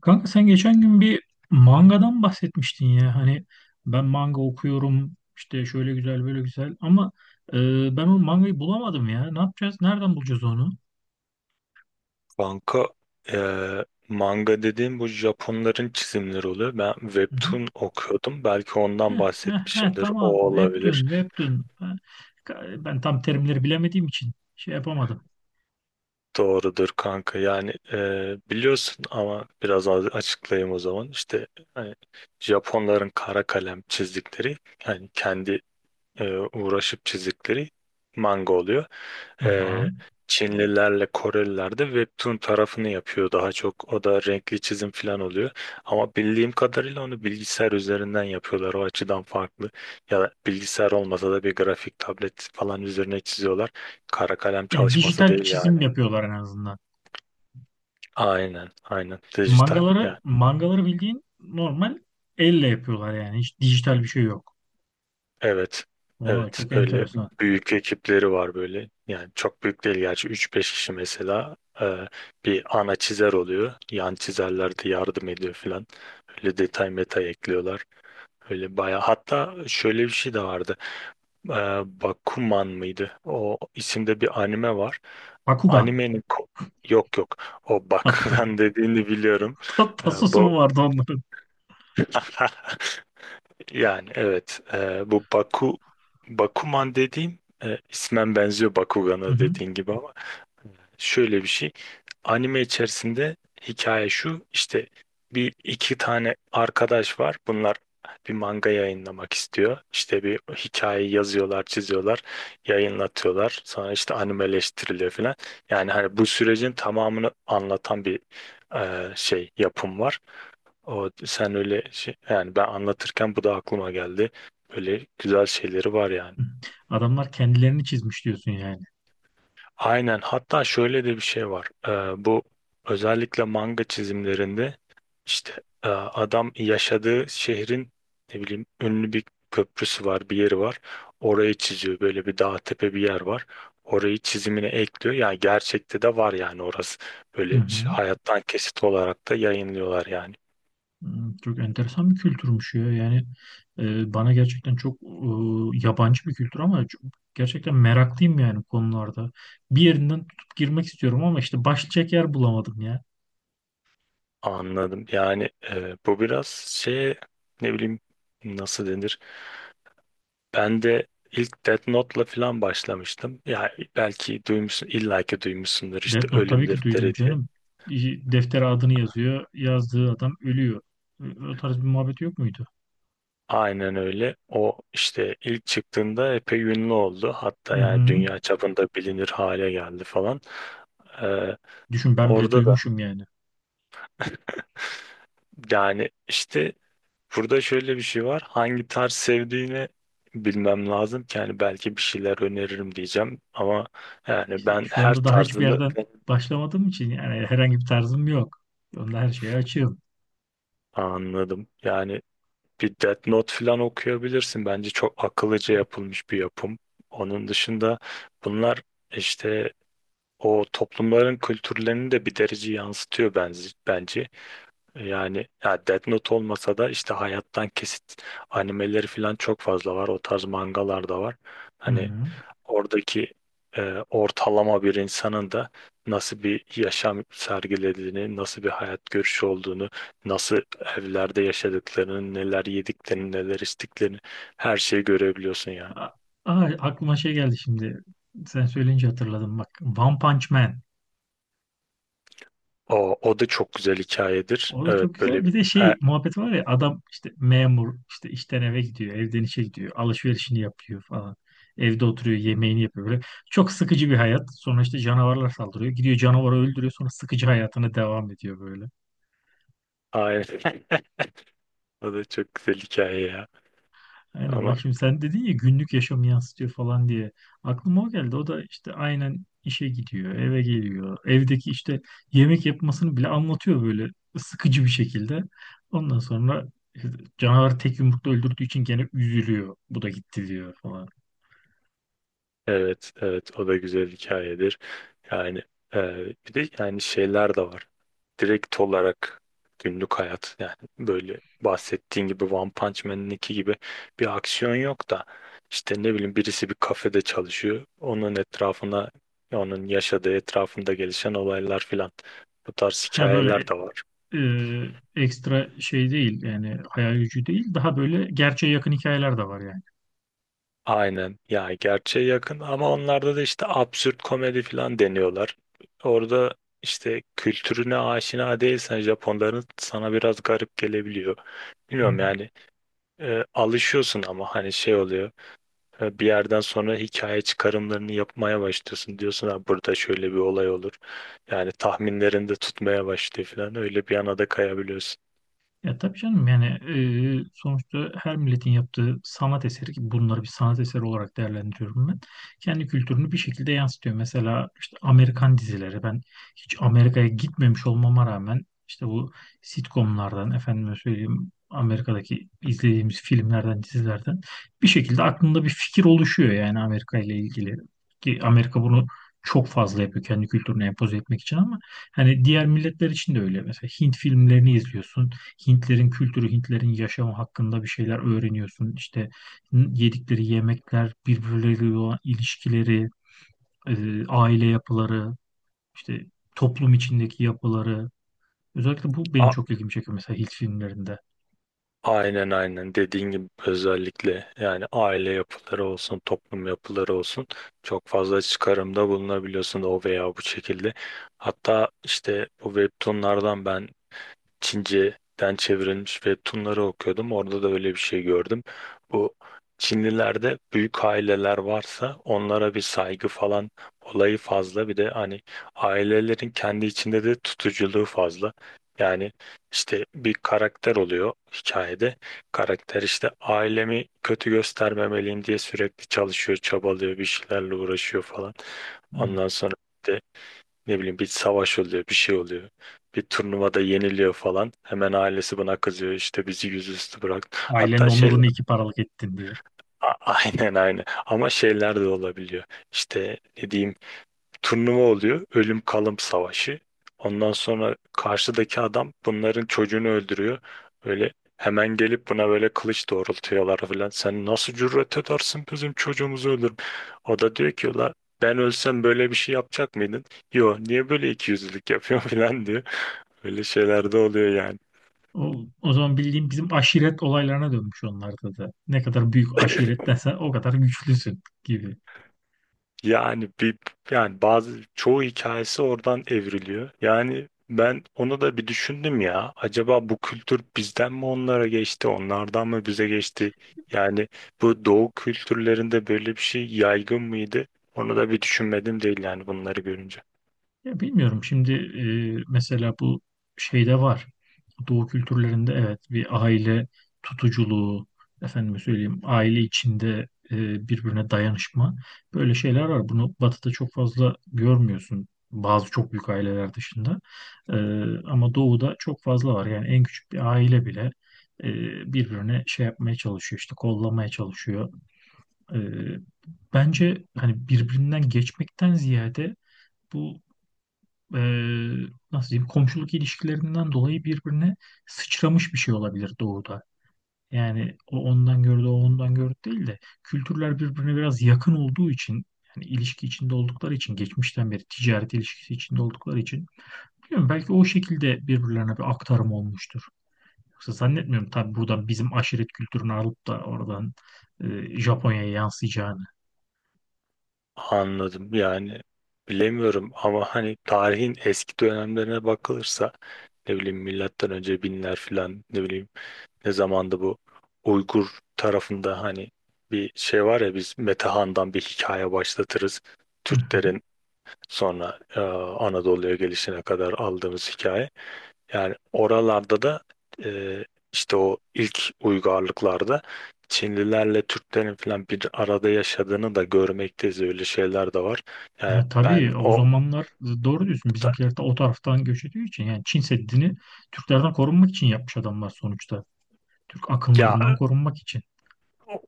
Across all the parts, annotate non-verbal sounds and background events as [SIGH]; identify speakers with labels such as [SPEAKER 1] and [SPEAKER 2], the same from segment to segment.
[SPEAKER 1] Kanka sen geçen gün bir mangadan bahsetmiştin ya. Hani ben manga okuyorum işte şöyle güzel böyle güzel ama e, ben o mangayı bulamadım ya. Ne yapacağız? Nereden bulacağız onu?
[SPEAKER 2] Banka manga dediğim bu Japonların çizimleri oluyor. Ben
[SPEAKER 1] Hı hı.
[SPEAKER 2] webtoon okuyordum. Belki ondan
[SPEAKER 1] Heh, heh, heh,
[SPEAKER 2] bahsetmişimdir.
[SPEAKER 1] tamam.
[SPEAKER 2] O
[SPEAKER 1] Webtoon,
[SPEAKER 2] olabilir.
[SPEAKER 1] Webtoon. Ha, ben tam terimleri bilemediğim için şey yapamadım.
[SPEAKER 2] Doğrudur kanka. Yani biliyorsun ama biraz az açıklayayım o zaman. İşte hani Japonların kara kalem çizdikleri yani kendi uğraşıp çizdikleri manga oluyor. e,
[SPEAKER 1] Tamam.
[SPEAKER 2] Çinlilerle Koreliler de webtoon tarafını yapıyor daha çok. O da renkli çizim falan oluyor. Ama bildiğim kadarıyla onu bilgisayar üzerinden yapıyorlar. O açıdan farklı. Ya da bilgisayar olmasa da bir grafik tablet falan üzerine çiziyorlar. Kara kalem
[SPEAKER 1] Yani
[SPEAKER 2] çalışması
[SPEAKER 1] dijital bir
[SPEAKER 2] değil yani.
[SPEAKER 1] çizim yapıyorlar en azından.
[SPEAKER 2] Aynen, aynen. Dijital
[SPEAKER 1] Mangaları
[SPEAKER 2] yani.
[SPEAKER 1] mangaları bildiğin normal elle yapıyorlar yani. Hiç dijital bir şey yok.
[SPEAKER 2] Evet.
[SPEAKER 1] Oo,
[SPEAKER 2] Evet.
[SPEAKER 1] çok
[SPEAKER 2] Öyle
[SPEAKER 1] enteresan.
[SPEAKER 2] büyük ekipleri var böyle. Yani çok büyük değil gerçi üç beş kişi mesela bir ana çizer oluyor. Yan çizerler de yardım ediyor filan. Öyle detay meta ekliyorlar. Öyle bayağı. Hatta şöyle bir şey de vardı. E, Bakuman mıydı? O isimde bir anime var.
[SPEAKER 1] Bakugan.
[SPEAKER 2] Animenin ko- Yok yok. O bak
[SPEAKER 1] Hatta
[SPEAKER 2] [LAUGHS] dediğini biliyorum.
[SPEAKER 1] Tasosu
[SPEAKER 2] Bu
[SPEAKER 1] mu vardı onların?
[SPEAKER 2] [LAUGHS] Yani evet, bu Bakuman dediğin, ismen benziyor
[SPEAKER 1] Hı
[SPEAKER 2] Bakugan'a
[SPEAKER 1] hı.
[SPEAKER 2] dediğin gibi ama şöyle bir şey, anime içerisinde hikaye şu işte: bir iki tane arkadaş var, bunlar bir manga yayınlamak istiyor, işte bir hikaye yazıyorlar, çiziyorlar, yayınlatıyorlar, sonra işte animeleştiriliyor falan. Yani hani bu sürecin tamamını anlatan bir şey yapım var. O sen öyle şey, yani ben anlatırken bu da aklıma geldi. Böyle güzel şeyleri var yani.
[SPEAKER 1] Hı. Adamlar kendilerini çizmiş diyorsun yani.
[SPEAKER 2] Aynen. Hatta şöyle de bir şey var. Bu özellikle manga çizimlerinde işte adam yaşadığı şehrin ne bileyim ünlü bir köprüsü var, bir yeri var. Orayı çiziyor. Böyle bir dağ tepe bir yer var. Orayı çizimine ekliyor. Yani gerçekte de var yani orası.
[SPEAKER 1] Hı
[SPEAKER 2] Böyle
[SPEAKER 1] hı.
[SPEAKER 2] hayattan kesit olarak da yayınlıyorlar yani.
[SPEAKER 1] Hmm, çok enteresan bir kültürmüş ya. Yani bana gerçekten çok yabancı bir kültür ama gerçekten meraklıyım yani konularda. Bir yerinden tutup girmek istiyorum ama işte başlayacak yer bulamadım ya.
[SPEAKER 2] Anladım. Yani bu biraz şey, ne bileyim, nasıl denir? Ben de ilk Death Note'la falan başlamıştım. Ya belki duymuşsun, illaki duymuşsundur işte
[SPEAKER 1] Death Note
[SPEAKER 2] Ölüm
[SPEAKER 1] tabii ki duydum
[SPEAKER 2] Defteri diye.
[SPEAKER 1] canım. Deftere adını yazıyor. Yazdığı adam ölüyor. O tarz bir muhabbet yok muydu?
[SPEAKER 2] Aynen öyle. O işte ilk çıktığında epey ünlü oldu. Hatta
[SPEAKER 1] Hı
[SPEAKER 2] yani
[SPEAKER 1] hı.
[SPEAKER 2] dünya çapında bilinir hale geldi falan. E,
[SPEAKER 1] Düşün ben bile
[SPEAKER 2] orada da
[SPEAKER 1] duymuşum yani.
[SPEAKER 2] [LAUGHS] yani işte burada şöyle bir şey var. Hangi tarz sevdiğini bilmem lazım ki, yani belki bir şeyler öneririm diyeceğim ama yani
[SPEAKER 1] İşte
[SPEAKER 2] ben
[SPEAKER 1] şu
[SPEAKER 2] her
[SPEAKER 1] anda daha hiçbir
[SPEAKER 2] tarzını
[SPEAKER 1] yerden başlamadığım için yani herhangi bir tarzım yok. Onda her şeye açığım.
[SPEAKER 2] anladım. Yani bir Death Note falan okuyabilirsin. Bence çok akıllıca yapılmış bir yapım. Onun dışında bunlar işte o toplumların kültürlerini de bir derece yansıtıyor bence. Yani ya Death Note olmasa da işte hayattan kesit animeleri falan çok fazla var. O tarz mangalar da var.
[SPEAKER 1] Hı
[SPEAKER 2] Hani
[SPEAKER 1] hı.
[SPEAKER 2] oradaki e, ortalama bir insanın da nasıl bir yaşam sergilediğini, nasıl bir hayat görüşü olduğunu, nasıl evlerde yaşadıklarını, neler yediklerini, neler içtiklerini, her şeyi görebiliyorsun yani.
[SPEAKER 1] Aa, aklıma şey geldi şimdi. Sen söyleyince hatırladım bak. One Punch Man.
[SPEAKER 2] O da çok güzel hikayedir.
[SPEAKER 1] O da
[SPEAKER 2] Evet
[SPEAKER 1] çok güzel.
[SPEAKER 2] böyle bir...
[SPEAKER 1] Bir de
[SPEAKER 2] E,
[SPEAKER 1] şey muhabbet var ya adam işte memur işte işten eve gidiyor, evden işe gidiyor, alışverişini yapıyor falan. Evde oturuyor, yemeğini yapıyor böyle. Çok sıkıcı bir hayat. Sonra işte canavarlar saldırıyor. Gidiyor canavarı öldürüyor. Sonra sıkıcı hayatına devam ediyor böyle.
[SPEAKER 2] aynen. [LAUGHS] O da çok güzel hikaye ya.
[SPEAKER 1] Aynen bak
[SPEAKER 2] Ama
[SPEAKER 1] şimdi sen dedin ya günlük yaşamı yansıtıyor falan diye. Aklıma o geldi. O da işte aynen işe gidiyor, eve geliyor. Evdeki işte yemek yapmasını bile anlatıyor böyle sıkıcı bir şekilde. Ondan sonra canavar tek yumrukla öldürdüğü için gene üzülüyor. Bu da gitti diyor falan.
[SPEAKER 2] evet, evet o da güzel hikayedir. Yani bir de yani şeyler de var. Direkt olarak günlük hayat, yani böyle bahsettiğin gibi One Punch Man'inki gibi bir aksiyon yok da işte ne bileyim birisi bir kafede çalışıyor. Onun etrafına, onun yaşadığı etrafında gelişen olaylar filan, bu tarz
[SPEAKER 1] Ha böyle
[SPEAKER 2] hikayeler de var.
[SPEAKER 1] e, ekstra şey değil yani hayal gücü değil. Daha böyle gerçeğe yakın hikayeler de var
[SPEAKER 2] Aynen ya, gerçeğe yakın ama onlarda da işte absürt komedi falan deniyorlar. Orada işte kültürüne aşina değilsen Japonların sana biraz garip gelebiliyor. Bilmiyorum
[SPEAKER 1] yani.
[SPEAKER 2] yani, alışıyorsun ama hani şey oluyor, bir yerden sonra hikaye çıkarımlarını yapmaya başlıyorsun. Diyorsun ha burada şöyle bir olay olur. Yani tahminlerinde tutmaya başlıyor falan, öyle bir yana da kayabiliyorsun.
[SPEAKER 1] Ya tabii canım yani sonuçta her milletin yaptığı sanat eseri ki bunları bir sanat eseri olarak değerlendiriyorum ben. Kendi kültürünü bir şekilde yansıtıyor. Mesela işte Amerikan dizileri ben hiç Amerika'ya gitmemiş olmama rağmen işte bu sitcomlardan efendime söyleyeyim Amerika'daki izlediğimiz filmlerden dizilerden bir şekilde aklımda bir fikir oluşuyor yani Amerika ile ilgili. Ki Amerika bunu çok fazla yapıyor kendi kültürüne empoze etmek için ama hani diğer milletler için de öyle. Mesela Hint filmlerini izliyorsun. Hintlerin kültürü, Hintlerin yaşamı hakkında bir şeyler öğreniyorsun. İşte yedikleri yemekler, birbirleriyle olan ilişkileri, aile yapıları, işte toplum içindeki yapıları. Özellikle bu benim çok ilgimi çekiyor mesela Hint filmlerinde.
[SPEAKER 2] Aynen, aynen dediğin gibi, özellikle yani aile yapıları olsun toplum yapıları olsun çok fazla çıkarımda bulunabiliyorsun o veya bu şekilde. Hatta işte bu webtoonlardan ben Çince'den çevrilmiş ve Tunları okuyordum. Orada da öyle bir şey gördüm. Bu Çinlilerde büyük aileler varsa onlara bir saygı falan olayı fazla. Bir de hani ailelerin kendi içinde de tutuculuğu fazla. Yani işte bir karakter oluyor hikayede. Karakter işte ailemi kötü göstermemeliyim diye sürekli çalışıyor, çabalıyor, bir şeylerle uğraşıyor falan.
[SPEAKER 1] Hmm.
[SPEAKER 2] Ondan sonra işte ne bileyim bir savaş oluyor, bir şey oluyor. Bir turnuvada yeniliyor falan. Hemen ailesi buna kızıyor. İşte bizi yüzüstü bıraktı.
[SPEAKER 1] Ailenin
[SPEAKER 2] Hatta şey.
[SPEAKER 1] onurunu iki paralık ettin diye.
[SPEAKER 2] A- [LAUGHS] aynen, aynen. Ama şeyler de olabiliyor. İşte ne diyeyim, turnuva oluyor. Ölüm kalım savaşı. Ondan sonra karşıdaki adam bunların çocuğunu öldürüyor. Öyle hemen gelip buna böyle kılıç doğrultuyorlar falan. Sen nasıl cüret edersin bizim çocuğumuzu öldürüm. O da diyor ki la ben ölsem böyle bir şey yapacak mıydın? Yo niye böyle ikiyüzlülük yapıyorsun [LAUGHS] falan diyor. Böyle şeyler de oluyor yani.
[SPEAKER 1] O, o zaman bildiğim bizim aşiret olaylarına dönmüş onlarda da. Ne kadar büyük aşirettensen o kadar güçlüsün gibi.
[SPEAKER 2] Yani bir, yani bazı çoğu hikayesi oradan evriliyor. Yani ben onu da bir düşündüm ya. Acaba bu kültür bizden mi onlara geçti, onlardan mı bize geçti? Yani bu doğu kültürlerinde böyle bir şey yaygın mıydı? Onu da bir düşünmedim değil yani bunları görünce.
[SPEAKER 1] Ya bilmiyorum şimdi, mesela bu şeyde var. Doğu kültürlerinde evet bir aile tutuculuğu, efendime söyleyeyim aile içinde, birbirine dayanışma böyle şeyler var. Bunu Batı'da çok fazla görmüyorsun bazı çok büyük aileler dışında. E, Ama Doğu'da çok fazla var. Yani en küçük bir aile bile e, birbirine şey yapmaya çalışıyor işte kollamaya çalışıyor. E, Bence hani birbirinden geçmekten ziyade bu, e, nasıl diyeyim, komşuluk ilişkilerinden dolayı birbirine sıçramış bir şey olabilir doğuda. Yani o ondan gördü, o ondan gördü değil de kültürler birbirine biraz yakın olduğu için yani ilişki içinde oldukları için geçmişten beri ticaret ilişkisi içinde oldukları için bilmiyorum belki o şekilde birbirlerine bir aktarım olmuştur. Yoksa zannetmiyorum tabii buradan bizim aşiret kültürünü alıp da oradan Japonya'ya yansıyacağını.
[SPEAKER 2] Anladım yani, bilemiyorum ama hani tarihin eski dönemlerine bakılırsa ne bileyim milattan önce binler falan, ne bileyim ne zamanda bu Uygur tarafında hani bir şey var ya, biz Metehan'dan bir hikaye başlatırız.
[SPEAKER 1] Hı hı.
[SPEAKER 2] Türklerin sonra Anadolu'ya gelişine kadar aldığımız hikaye. Yani oralarda da e, işte o ilk uygarlıklarda Çinlilerle Türklerin falan bir arada yaşadığını da görmekteyiz. Öyle şeyler de var. Yani
[SPEAKER 1] Ha,
[SPEAKER 2] ben
[SPEAKER 1] tabii o
[SPEAKER 2] o
[SPEAKER 1] zamanlar doğru diyorsun. Bizimkiler de o taraftan göç ediyor için. Yani Çin Seddi'ni Türklerden korunmak için yapmış adamlar sonuçta. Türk
[SPEAKER 2] ya,
[SPEAKER 1] akınlarından korunmak için.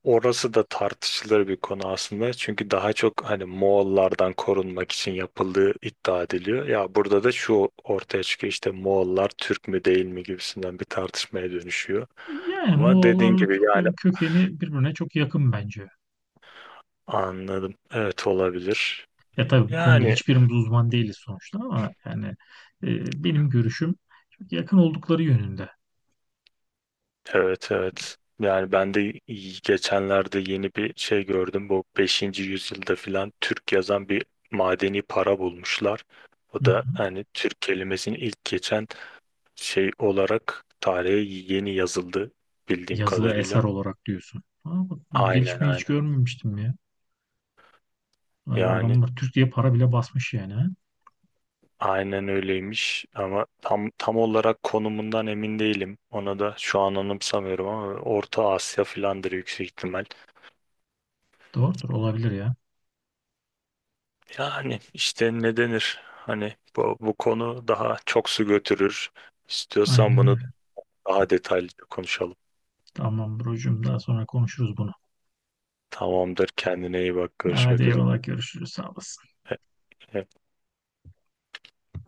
[SPEAKER 2] orası da tartışılır bir konu aslında. Çünkü daha çok hani Moğollardan korunmak için yapıldığı iddia ediliyor. Ya burada da şu ortaya çıkıyor: işte Moğollar Türk mü değil mi gibisinden bir tartışmaya dönüşüyor.
[SPEAKER 1] Yani
[SPEAKER 2] Ama dediğin
[SPEAKER 1] Moğollarla
[SPEAKER 2] gibi yani,
[SPEAKER 1] Türklerin kökeni birbirine çok yakın bence.
[SPEAKER 2] anladım. Evet, olabilir.
[SPEAKER 1] Ya tabii bu konuda
[SPEAKER 2] Yani
[SPEAKER 1] hiçbirimiz uzman değiliz sonuçta ama yani benim görüşüm çok yakın oldukları yönünde.
[SPEAKER 2] evet, evet. Yani ben de geçenlerde yeni bir şey gördüm. Bu 5. yüzyılda filan Türk yazan bir madeni para bulmuşlar.
[SPEAKER 1] Hı
[SPEAKER 2] O da
[SPEAKER 1] hı.
[SPEAKER 2] hani Türk kelimesini ilk geçen şey olarak tarihe yeni yazıldı bildiğim
[SPEAKER 1] Yazılı eser
[SPEAKER 2] kadarıyla.
[SPEAKER 1] olarak diyorsun. Ama bak, bu
[SPEAKER 2] Aynen,
[SPEAKER 1] gelişmeyi hiç
[SPEAKER 2] aynen.
[SPEAKER 1] görmemiştim ya. Vay be,
[SPEAKER 2] Yani
[SPEAKER 1] adamlar Türk diye para bile basmış yani. Ha.
[SPEAKER 2] aynen öyleymiş ama tam olarak konumundan emin değilim. Ona da şu an anımsamıyorum ama Orta Asya filandır, yüksek ihtimal.
[SPEAKER 1] Doğrudur olabilir ya.
[SPEAKER 2] Yani işte ne denir? Hani bu konu daha çok su götürür. İstiyorsan
[SPEAKER 1] Aynen
[SPEAKER 2] bunu
[SPEAKER 1] öyle.
[SPEAKER 2] daha detaylıca konuşalım.
[SPEAKER 1] Tamam brocum daha sonra konuşuruz bunu.
[SPEAKER 2] Tamamdır. Kendine iyi bak.
[SPEAKER 1] Hadi
[SPEAKER 2] Görüşmek üzere.
[SPEAKER 1] eyvallah görüşürüz sağ olasın.